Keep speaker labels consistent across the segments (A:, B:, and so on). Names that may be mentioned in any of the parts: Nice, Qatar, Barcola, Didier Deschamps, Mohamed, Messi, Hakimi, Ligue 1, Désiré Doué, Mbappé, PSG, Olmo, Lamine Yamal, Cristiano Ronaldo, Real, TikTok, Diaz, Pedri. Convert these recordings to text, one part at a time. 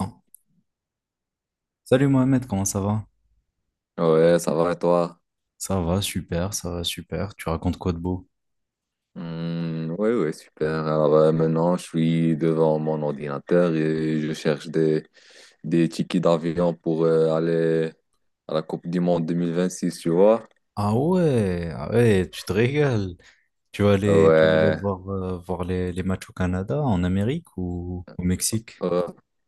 A: Ah. Salut Mohamed, comment ça va?
B: Ouais, ça va et toi?
A: Ça va super, ça va super. Tu racontes quoi de beau?
B: Hmm, ouais, ouais, super. Alors maintenant, je suis devant mon ordinateur et je cherche des tickets d'avion pour aller à la Coupe du Monde 2026, tu vois?
A: Ah ouais, ah ouais, tu te régales. Tu vas aller
B: Ouais,
A: voir, voir les matchs au Canada, en Amérique ou au Mexique?
B: ouais,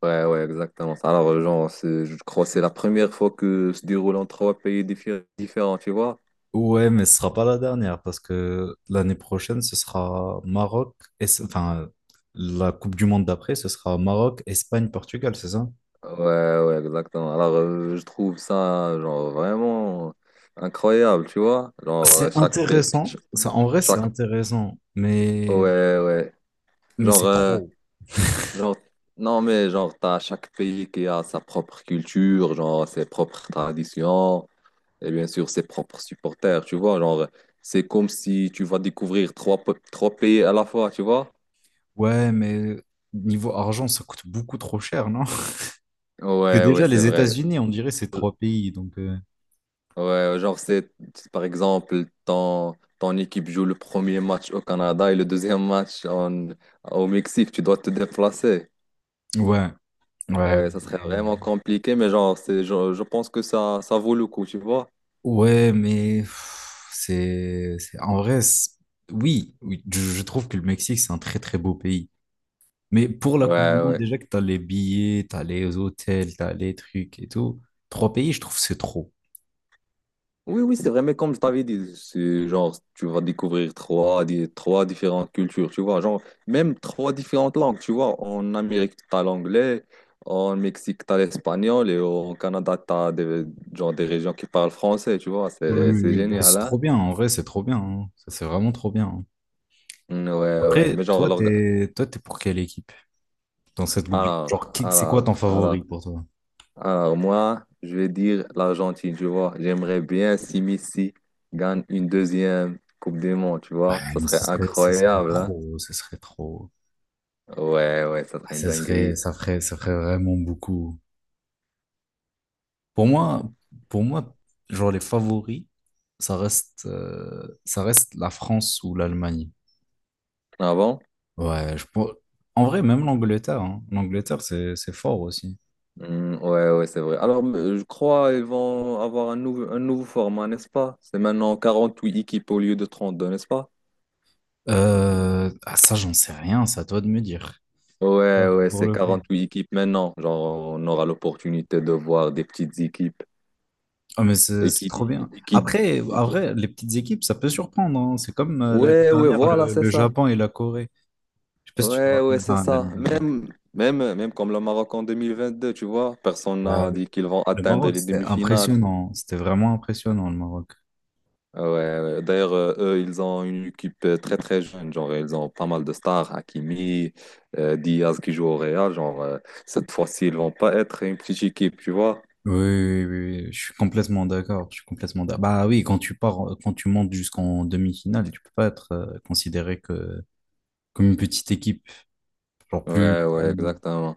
B: ouais, ouais, exactement. Ça. Alors, genre, je crois que c'est la première fois que se déroule en trois pays différents, tu vois?
A: Ouais, mais ce sera pas la dernière parce que l'année prochaine, ce sera Maroc, et, enfin, la Coupe du Monde d'après, ce sera Maroc, Espagne, Portugal, c'est ça?
B: Ouais, ouais, exactement. Alors, je trouve ça, genre, vraiment incroyable, tu vois? Genre,
A: C'est
B: chaque pays,
A: intéressant. Ça, en vrai, c'est
B: chaque,
A: intéressant,
B: ouais, ouais.
A: mais
B: Genre,
A: c'est
B: euh,
A: trop.
B: genre, non, mais genre, t'as chaque pays qui a sa propre culture, genre, ses propres traditions, et bien sûr, ses propres supporters, tu vois. Genre, c'est comme si tu vas découvrir trois pays à la fois, tu vois.
A: Ouais, mais niveau argent, ça coûte beaucoup trop cher, non? Parce que
B: Ouais, ouais,
A: déjà,
B: c'est
A: les
B: vrai.
A: États-Unis, on dirait, c'est
B: Je-
A: trois pays, donc...
B: Ouais, genre, c'est par exemple, ton équipe joue le premier match au Canada et le deuxième match au Mexique, tu dois te déplacer.
A: ouais, ouais,
B: Ça serait
A: mais...
B: vraiment compliqué, mais genre, je pense que ça vaut le coup, tu vois.
A: Ouais, mais... pff, En vrai, oui, oui, je trouve que le Mexique, c'est un très, très beau pays. Mais pour la Coupe du
B: Ouais,
A: Monde,
B: ouais.
A: déjà que t'as les billets, t'as les hôtels, t'as les trucs et tout, trois pays, je trouve, c'est trop.
B: Oui, oui, c'est vrai, mais comme je t'avais dit, c'est genre, tu vas découvrir trois différentes cultures, tu vois, genre, même trois différentes langues, tu vois, en Amérique, t'as l'anglais, en Mexique, t'as l'espagnol, et au Canada, t'as genre, des régions qui parlent français, tu vois,
A: Oui,
B: c'est,
A: oui,
B: c'est
A: oui, ben,
B: génial,
A: c'est
B: hein?
A: trop bien, en vrai, c'est trop bien, hein. Ça, c'est vraiment trop bien, hein.
B: Mm, ouais, ouais,
A: Après,
B: mais genre,
A: toi, t'es pour quelle équipe dans cette Coupe du Monde?
B: alors,
A: Genre, c'est quoi
B: alors,
A: ton favori
B: alors,
A: pour toi?
B: alors, moi, je vais dire l'Argentine, tu vois, j'aimerais bien si Messi gagne une deuxième Coupe du Monde, tu vois,
A: Ouais,
B: ça
A: mais
B: serait
A: ce serait
B: incroyable, hein?
A: trop, ce serait trop.
B: Ouais, ouais, ça serait une
A: Ça serait,
B: dinguerie.
A: ça ferait vraiment beaucoup. Pour moi, pour moi, genre les favoris, ça reste la France ou l'Allemagne.
B: Ah bon?
A: Ouais, je pour- En vrai, même l'Angleterre, hein. L'Angleterre, c'est fort aussi.
B: Hmm, ouais, ouais, c'est vrai. Alors, je crois qu'ils vont avoir un nouveau format, n'est-ce pas? C'est maintenant 48 équipes au lieu de 32, n'est-ce pas?
A: Ça, j'en sais rien, c'est à toi de me dire.
B: Ouais,
A: Ça,
B: ouais,
A: pour
B: c'est
A: le
B: quarante
A: coup.
B: huit équipes maintenant. Genre, on aura l'opportunité de voir des petites équipes.
A: Ah, mais
B: Et
A: c'est
B: qui,
A: trop bien.
B: et qui- et qui-
A: Après, les petites équipes, ça peut surprendre, hein. C'est comme l'année
B: Ouais, ouais,
A: dernière,
B: voilà, c'est
A: le
B: ça.
A: Japon et la Corée. Je sais pas si tu te
B: Ouais,
A: rappelles,
B: ouais, c'est
A: enfin,
B: ça.
A: l'année dernière.
B: Même comme le Maroc en 2022, tu vois, personne
A: Ouais,
B: n'a dit qu'ils vont
A: le
B: atteindre
A: Maroc,
B: les
A: c'était
B: demi-finales.
A: impressionnant. C'était vraiment impressionnant, le Maroc.
B: Ah ouais, ouais. D'ailleurs, eux, ils ont une équipe très très jeune. Genre, ils ont pas mal de stars, Hakimi, Diaz qui joue au Real. Genre, cette fois-ci, ils vont pas être une petite équipe, tu vois?
A: Oui, oui, oui, oui, je suis complètement d'accord. Je suis complètement d'accord. Bah oui, quand tu montes jusqu'en demi-finale, tu peux pas être considéré que, comme une petite équipe. Genre plus.
B: Ouais, ouais, exactement.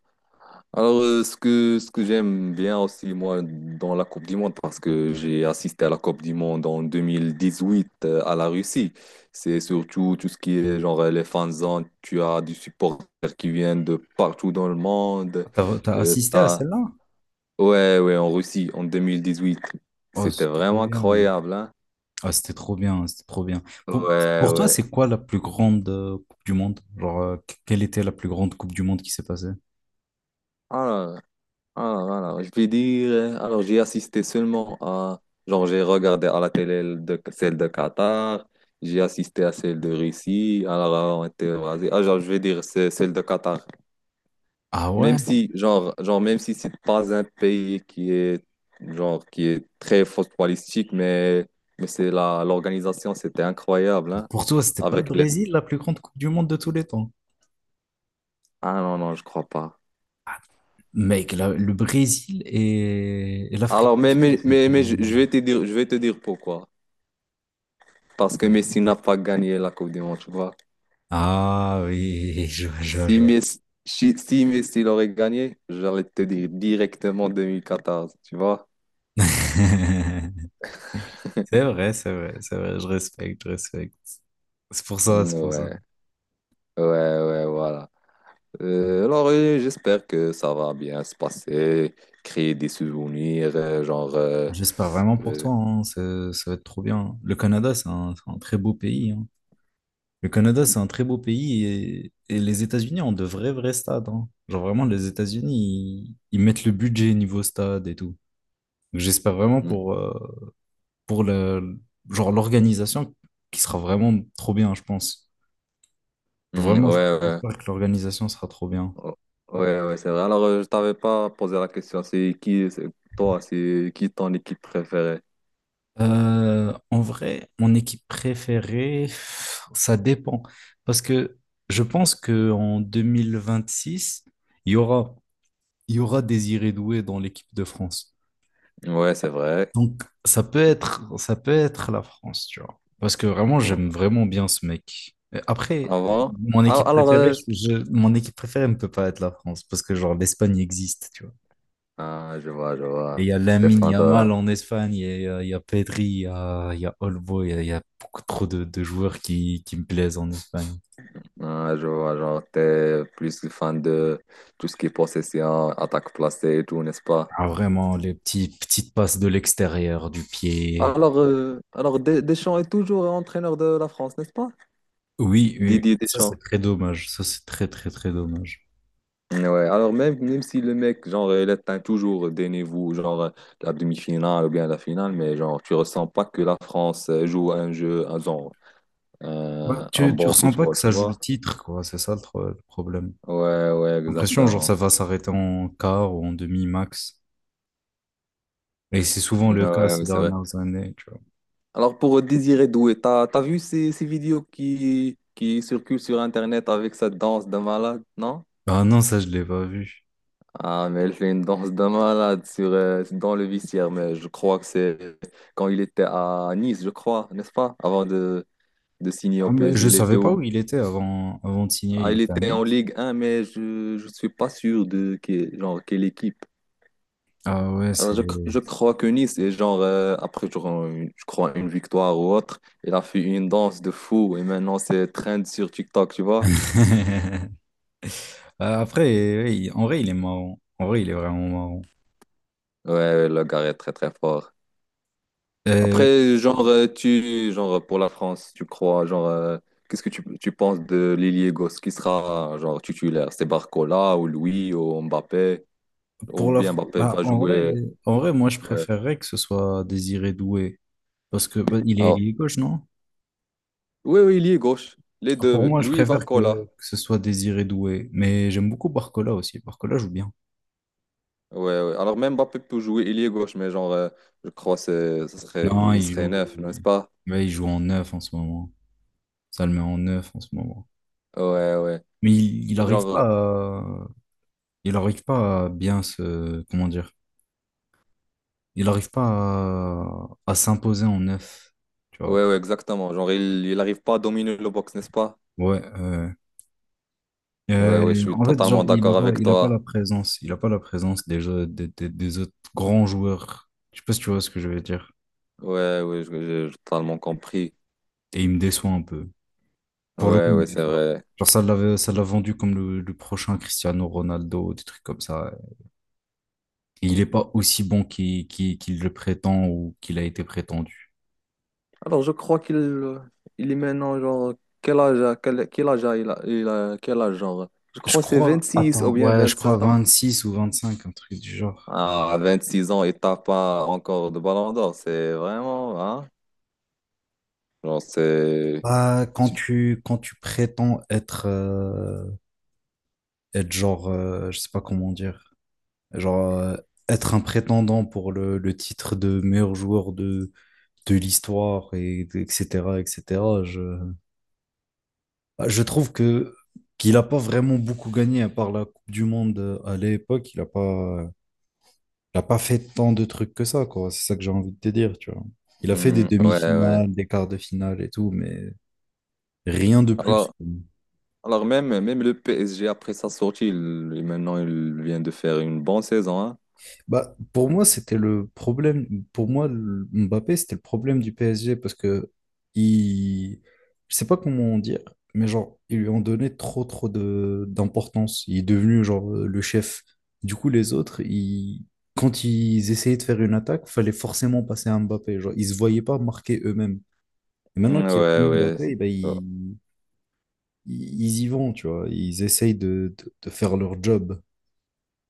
B: Alors, ce que, j'aime bien aussi, moi, dans la Coupe du Monde, parce que j'ai assisté à la Coupe du Monde en 2018, à la Russie, c'est surtout tout ce qui est genre les fanzones. Tu as des supporters qui viennent de partout dans le monde.
A: Ah, t'as
B: Tu
A: assisté à
B: as
A: celle-là?
B: Ouais, ouais, en Russie, en 2018.
A: Oh,
B: C'était
A: c'est trop
B: vraiment
A: bien.
B: incroyable, hein?
A: Ah, c'était trop bien, c'était trop bien. Pour,
B: Ouais,
A: pour toi,
B: ouais.
A: c'est quoi la plus grande Coupe du Monde? Genre, quelle était la plus grande Coupe du Monde qui s'est passée?
B: Alors, alors, je vais dire... alors, j'ai assisté seulement à... Genre, j'ai regardé à la télé celle de Qatar, j'ai assisté à celle de Russie, alors, on était rasés. Ah, genre, je vais dire c'est celle de Qatar.
A: Ah ouais?
B: Même si, genre, même si c'est pas un pays qui est, genre, qui est très footballistique, mais c'est l'organisation, c'était incroyable, hein?
A: Pour toi, c'était pas le
B: Avec les
A: Brésil la plus grande Coupe du Monde de tous les temps?
B: Ah non, non, je crois pas.
A: Mec, le Brésil et l'Afrique
B: Alors,
A: du
B: mais,
A: Sud,
B: mais, mais,
A: c'était...
B: mais je vais te dire pourquoi. Parce que Messi n'a pas gagné la Coupe du Monde, tu vois.
A: Ah oui, je vois, je vois,
B: Si
A: je vois.
B: Messi, si si Messi l'aurait gagné, j'allais te dire directement 2014, tu vois.
A: C'est vrai, c'est vrai, c'est vrai, je respecte, je respecte. C'est pour ça, c'est pour ça.
B: Ouais, ouais, ouais, voilà. Alors, j'espère que ça va bien se passer, créer des souvenirs, genre,
A: J'espère vraiment pour
B: euh,
A: toi, hein, ça va être trop bien. Le Canada, c'est un très beau pays, hein. Le Canada, c'est un très beau pays et les États-Unis ont de vrais, vrais stades, hein. Genre vraiment, les États-Unis, ils mettent le budget niveau stade et tout. Donc, j'espère vraiment
B: mm,
A: pour le, genre l'organisation qui sera vraiment trop bien, je pense. Genre,
B: mm, ouais,
A: vraiment,
B: ouais.
A: j'espère que l'organisation sera trop bien.
B: Oh, ouais, ouais, c'est vrai. Alors, je t'avais pas posé la question. C'est qui ton équipe préférée?
A: En vrai, mon équipe préférée, ça dépend. Parce que je pense qu'en six il y aura, il y aura Désiré Doué dans l'équipe de France.
B: Ouais, c'est vrai.
A: Donc, ça peut être la France, tu vois. Parce que vraiment,
B: Av-
A: j'aime vraiment bien ce mec. Et après,
B: Avant?
A: mon
B: Ah,
A: équipe
B: alors,
A: préférée, mon équipe préférée ne peut pas être la France. Parce que, genre, l'Espagne existe, tu vois.
B: ah, je vois, je
A: Et
B: vois.
A: il y a
B: T'es
A: Lamine
B: fan de,
A: Yamal en Espagne, il y a Pedri, il y a Olmo, il y a beaucoup trop de joueurs qui me plaisent en Espagne.
B: ah, je vois, genre, t'es plus fan de tout ce qui est possession, attaque placée et tout, n'est-ce pas?
A: Ah, vraiment, les petites passes de l'extérieur, du pied.
B: Alors, Deschamps est toujours entraîneur de la France, n'est-ce pas?
A: Oui, oui,
B: Didier
A: ça c'est
B: Deschamps.
A: très dommage. Ça c'est très, très, très dommage.
B: Ouais, alors même si le mec, genre, il atteint toujours, donnez-vous, genre, la demi-finale ou bien la finale, mais genre, tu ressens pas que la France joue un jeu, un, genre,
A: Bah,
B: un
A: tu
B: bon
A: ressens pas que
B: football,
A: ça
B: tu
A: joue le
B: vois?
A: titre, quoi. C'est ça le, le problème.
B: Ouais, ouais,
A: J'ai l'impression, genre, ça
B: exactement.
A: va s'arrêter en quart ou en demi max. Et c'est souvent
B: Ouais,
A: le cas ces
B: ouais, c'est vrai.
A: dernières années, tu vois.
B: Alors, pour Désiré Doué, t'as vu ces vidéos qui circulent sur Internet avec sa danse de malade, non?
A: Ah non, ça, je l'ai pas vu.
B: Ah, mais elle fait une danse de malade dans le vestiaire, mais je crois que c'est quand il était à Nice, je crois, n'est-ce pas? Avant de signer au
A: Ah, mais
B: PSG.
A: je savais pas où il était avant, avant de signer,
B: Ah,
A: il
B: il
A: était à
B: était en
A: Nice.
B: Ligue 1, mais je suis pas sûr genre, quelle équipe.
A: Ah ouais,
B: Alors,
A: c'est...
B: je crois que Nice est genre, après, genre, je crois, une victoire ou autre. Il a fait une danse de fou et maintenant c'est trend sur TikTok, tu vois.
A: Ah, après, ouais, en vrai, il est marrant. En vrai, il est vraiment marrant.
B: Ouais, ouais, le gars est très très fort.
A: Euh,
B: Après, genre, genre, pour la France, tu crois, genre, qu'est-ce que tu penses de l'ailier gauche qui sera, genre, titulaire? C'est Barcola ou Louis ou Mbappé? Ou
A: pour la
B: bien
A: France,
B: Mbappé
A: bah,
B: va jouer.
A: en vrai, moi, je
B: Ouais.
A: préférerais que ce soit Désiré Doué. Parce que, bah, il est
B: Ah
A: ailier gauche, non?
B: oui, oui, il est gauche. Les
A: Pour
B: deux,
A: moi, je
B: lui et
A: préfère
B: Barcola.
A: que ce soit Désiré Doué, mais j'aime beaucoup Barcola aussi. Barcola joue bien.
B: Ouais, ouais. Alors même Mbappé peut jouer, il est gauche, mais genre, je crois que
A: Non,
B: il
A: il
B: serait
A: joue,
B: neuf, n'est-ce pas?
A: ouais, il joue en neuf en ce moment. Ça le met en neuf en ce moment.
B: Ouais, ouais.
A: Mais il arrive pas
B: Genre,
A: à, il arrive pas à bien se, comment dire, il arrive pas à, à s'imposer en neuf, tu vois.
B: ouais, ouais, exactement. Genre, il arrive pas à dominer le box, n'est-ce pas?
A: Ouais, ouais.
B: Ouais, ouais, je suis
A: En fait, genre,
B: totalement d'accord avec
A: il a pas la
B: toi.
A: présence, il a pas la présence des, des autres grands joueurs. Je sais pas si tu vois ce que je veux dire.
B: Ouais, ouais, j'ai totalement compris.
A: Et il me déçoit un peu. Pour le coup,
B: Ouais,
A: il me
B: ouais, c'est
A: déçoit.
B: vrai.
A: Genre, ça l'a vendu comme le prochain Cristiano Ronaldo, des trucs comme ça. Et il n'est pas aussi bon qu'il le prétend ou qu'il a été prétendu.
B: Alors, je crois qu'il il est maintenant, genre, quel âge, a- quel, quel âge a- quel âge, genre? Je
A: Je
B: crois que c'est
A: crois,
B: six ou
A: attends,
B: bien
A: ouais, je crois
B: 27 ans.
A: 26 ou 25, un truc du genre.
B: Ah, à 26 ans, il tape pas encore de ballon d'or. C'est vraiment, hein? Genre, c'est.
A: Bah,
B: tu-
A: quand tu prétends être, être genre, je sais pas comment dire, genre, être un prétendant pour le titre de meilleur joueur de l'histoire, et, etc., etc., bah, je trouve que qu'il n'a pas vraiment beaucoup gagné à part la Coupe du Monde à l'époque. Il a pas fait tant de trucs que ça, quoi. C'est ça que j'ai envie de te dire, tu vois. Il a fait des
B: Hmm, ouais, ouais.
A: demi-finales, des quarts de finale et tout, mais rien de
B: Alors,
A: plus.
B: même le PSG, après sa sortie, maintenant, il vient de faire une bonne saison, hein?
A: Bah, pour moi, c'était le problème. Pour moi, Mbappé, c'était le problème du PSG parce que il... je sais pas comment dire, mais genre, ils lui ont donné trop, trop de d'importance. Il est devenu genre le chef. Du coup, les autres, ils... quand ils essayaient de faire une attaque, fallait forcément passer à Mbappé. Genre, ils se voyaient pas marquer eux-mêmes. Et maintenant
B: Hmm,
A: qu'il n'y a
B: ouais,
A: plus
B: ouais.
A: Mbappé, eh ben,
B: Oh.
A: ils... ils ils y vont, tu vois. Ils essayent de faire leur job.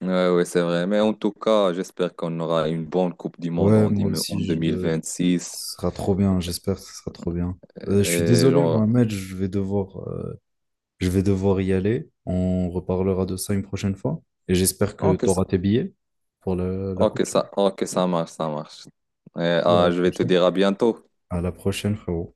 B: Ouais, ouais, c'est vrai. Mais en tout cas, j'espère qu'on aura une bonne Coupe du Monde
A: Ouais, moi
B: en
A: aussi, je,
B: 2026.
A: ce sera trop bien, j'espère que ce sera trop bien. Je suis
B: Et
A: désolé,
B: genre,
A: Mohamed, je vais devoir y aller. On reparlera de ça une prochaine fois. Et j'espère que
B: ok,
A: tu
B: ça,
A: auras tes billets pour la coupe.
B: ok, ça marche, ça marche.
A: Je
B: Eh,
A: te dis à
B: ah,
A: la
B: je vais te
A: prochaine.
B: dire à bientôt.
A: À la prochaine, frérot.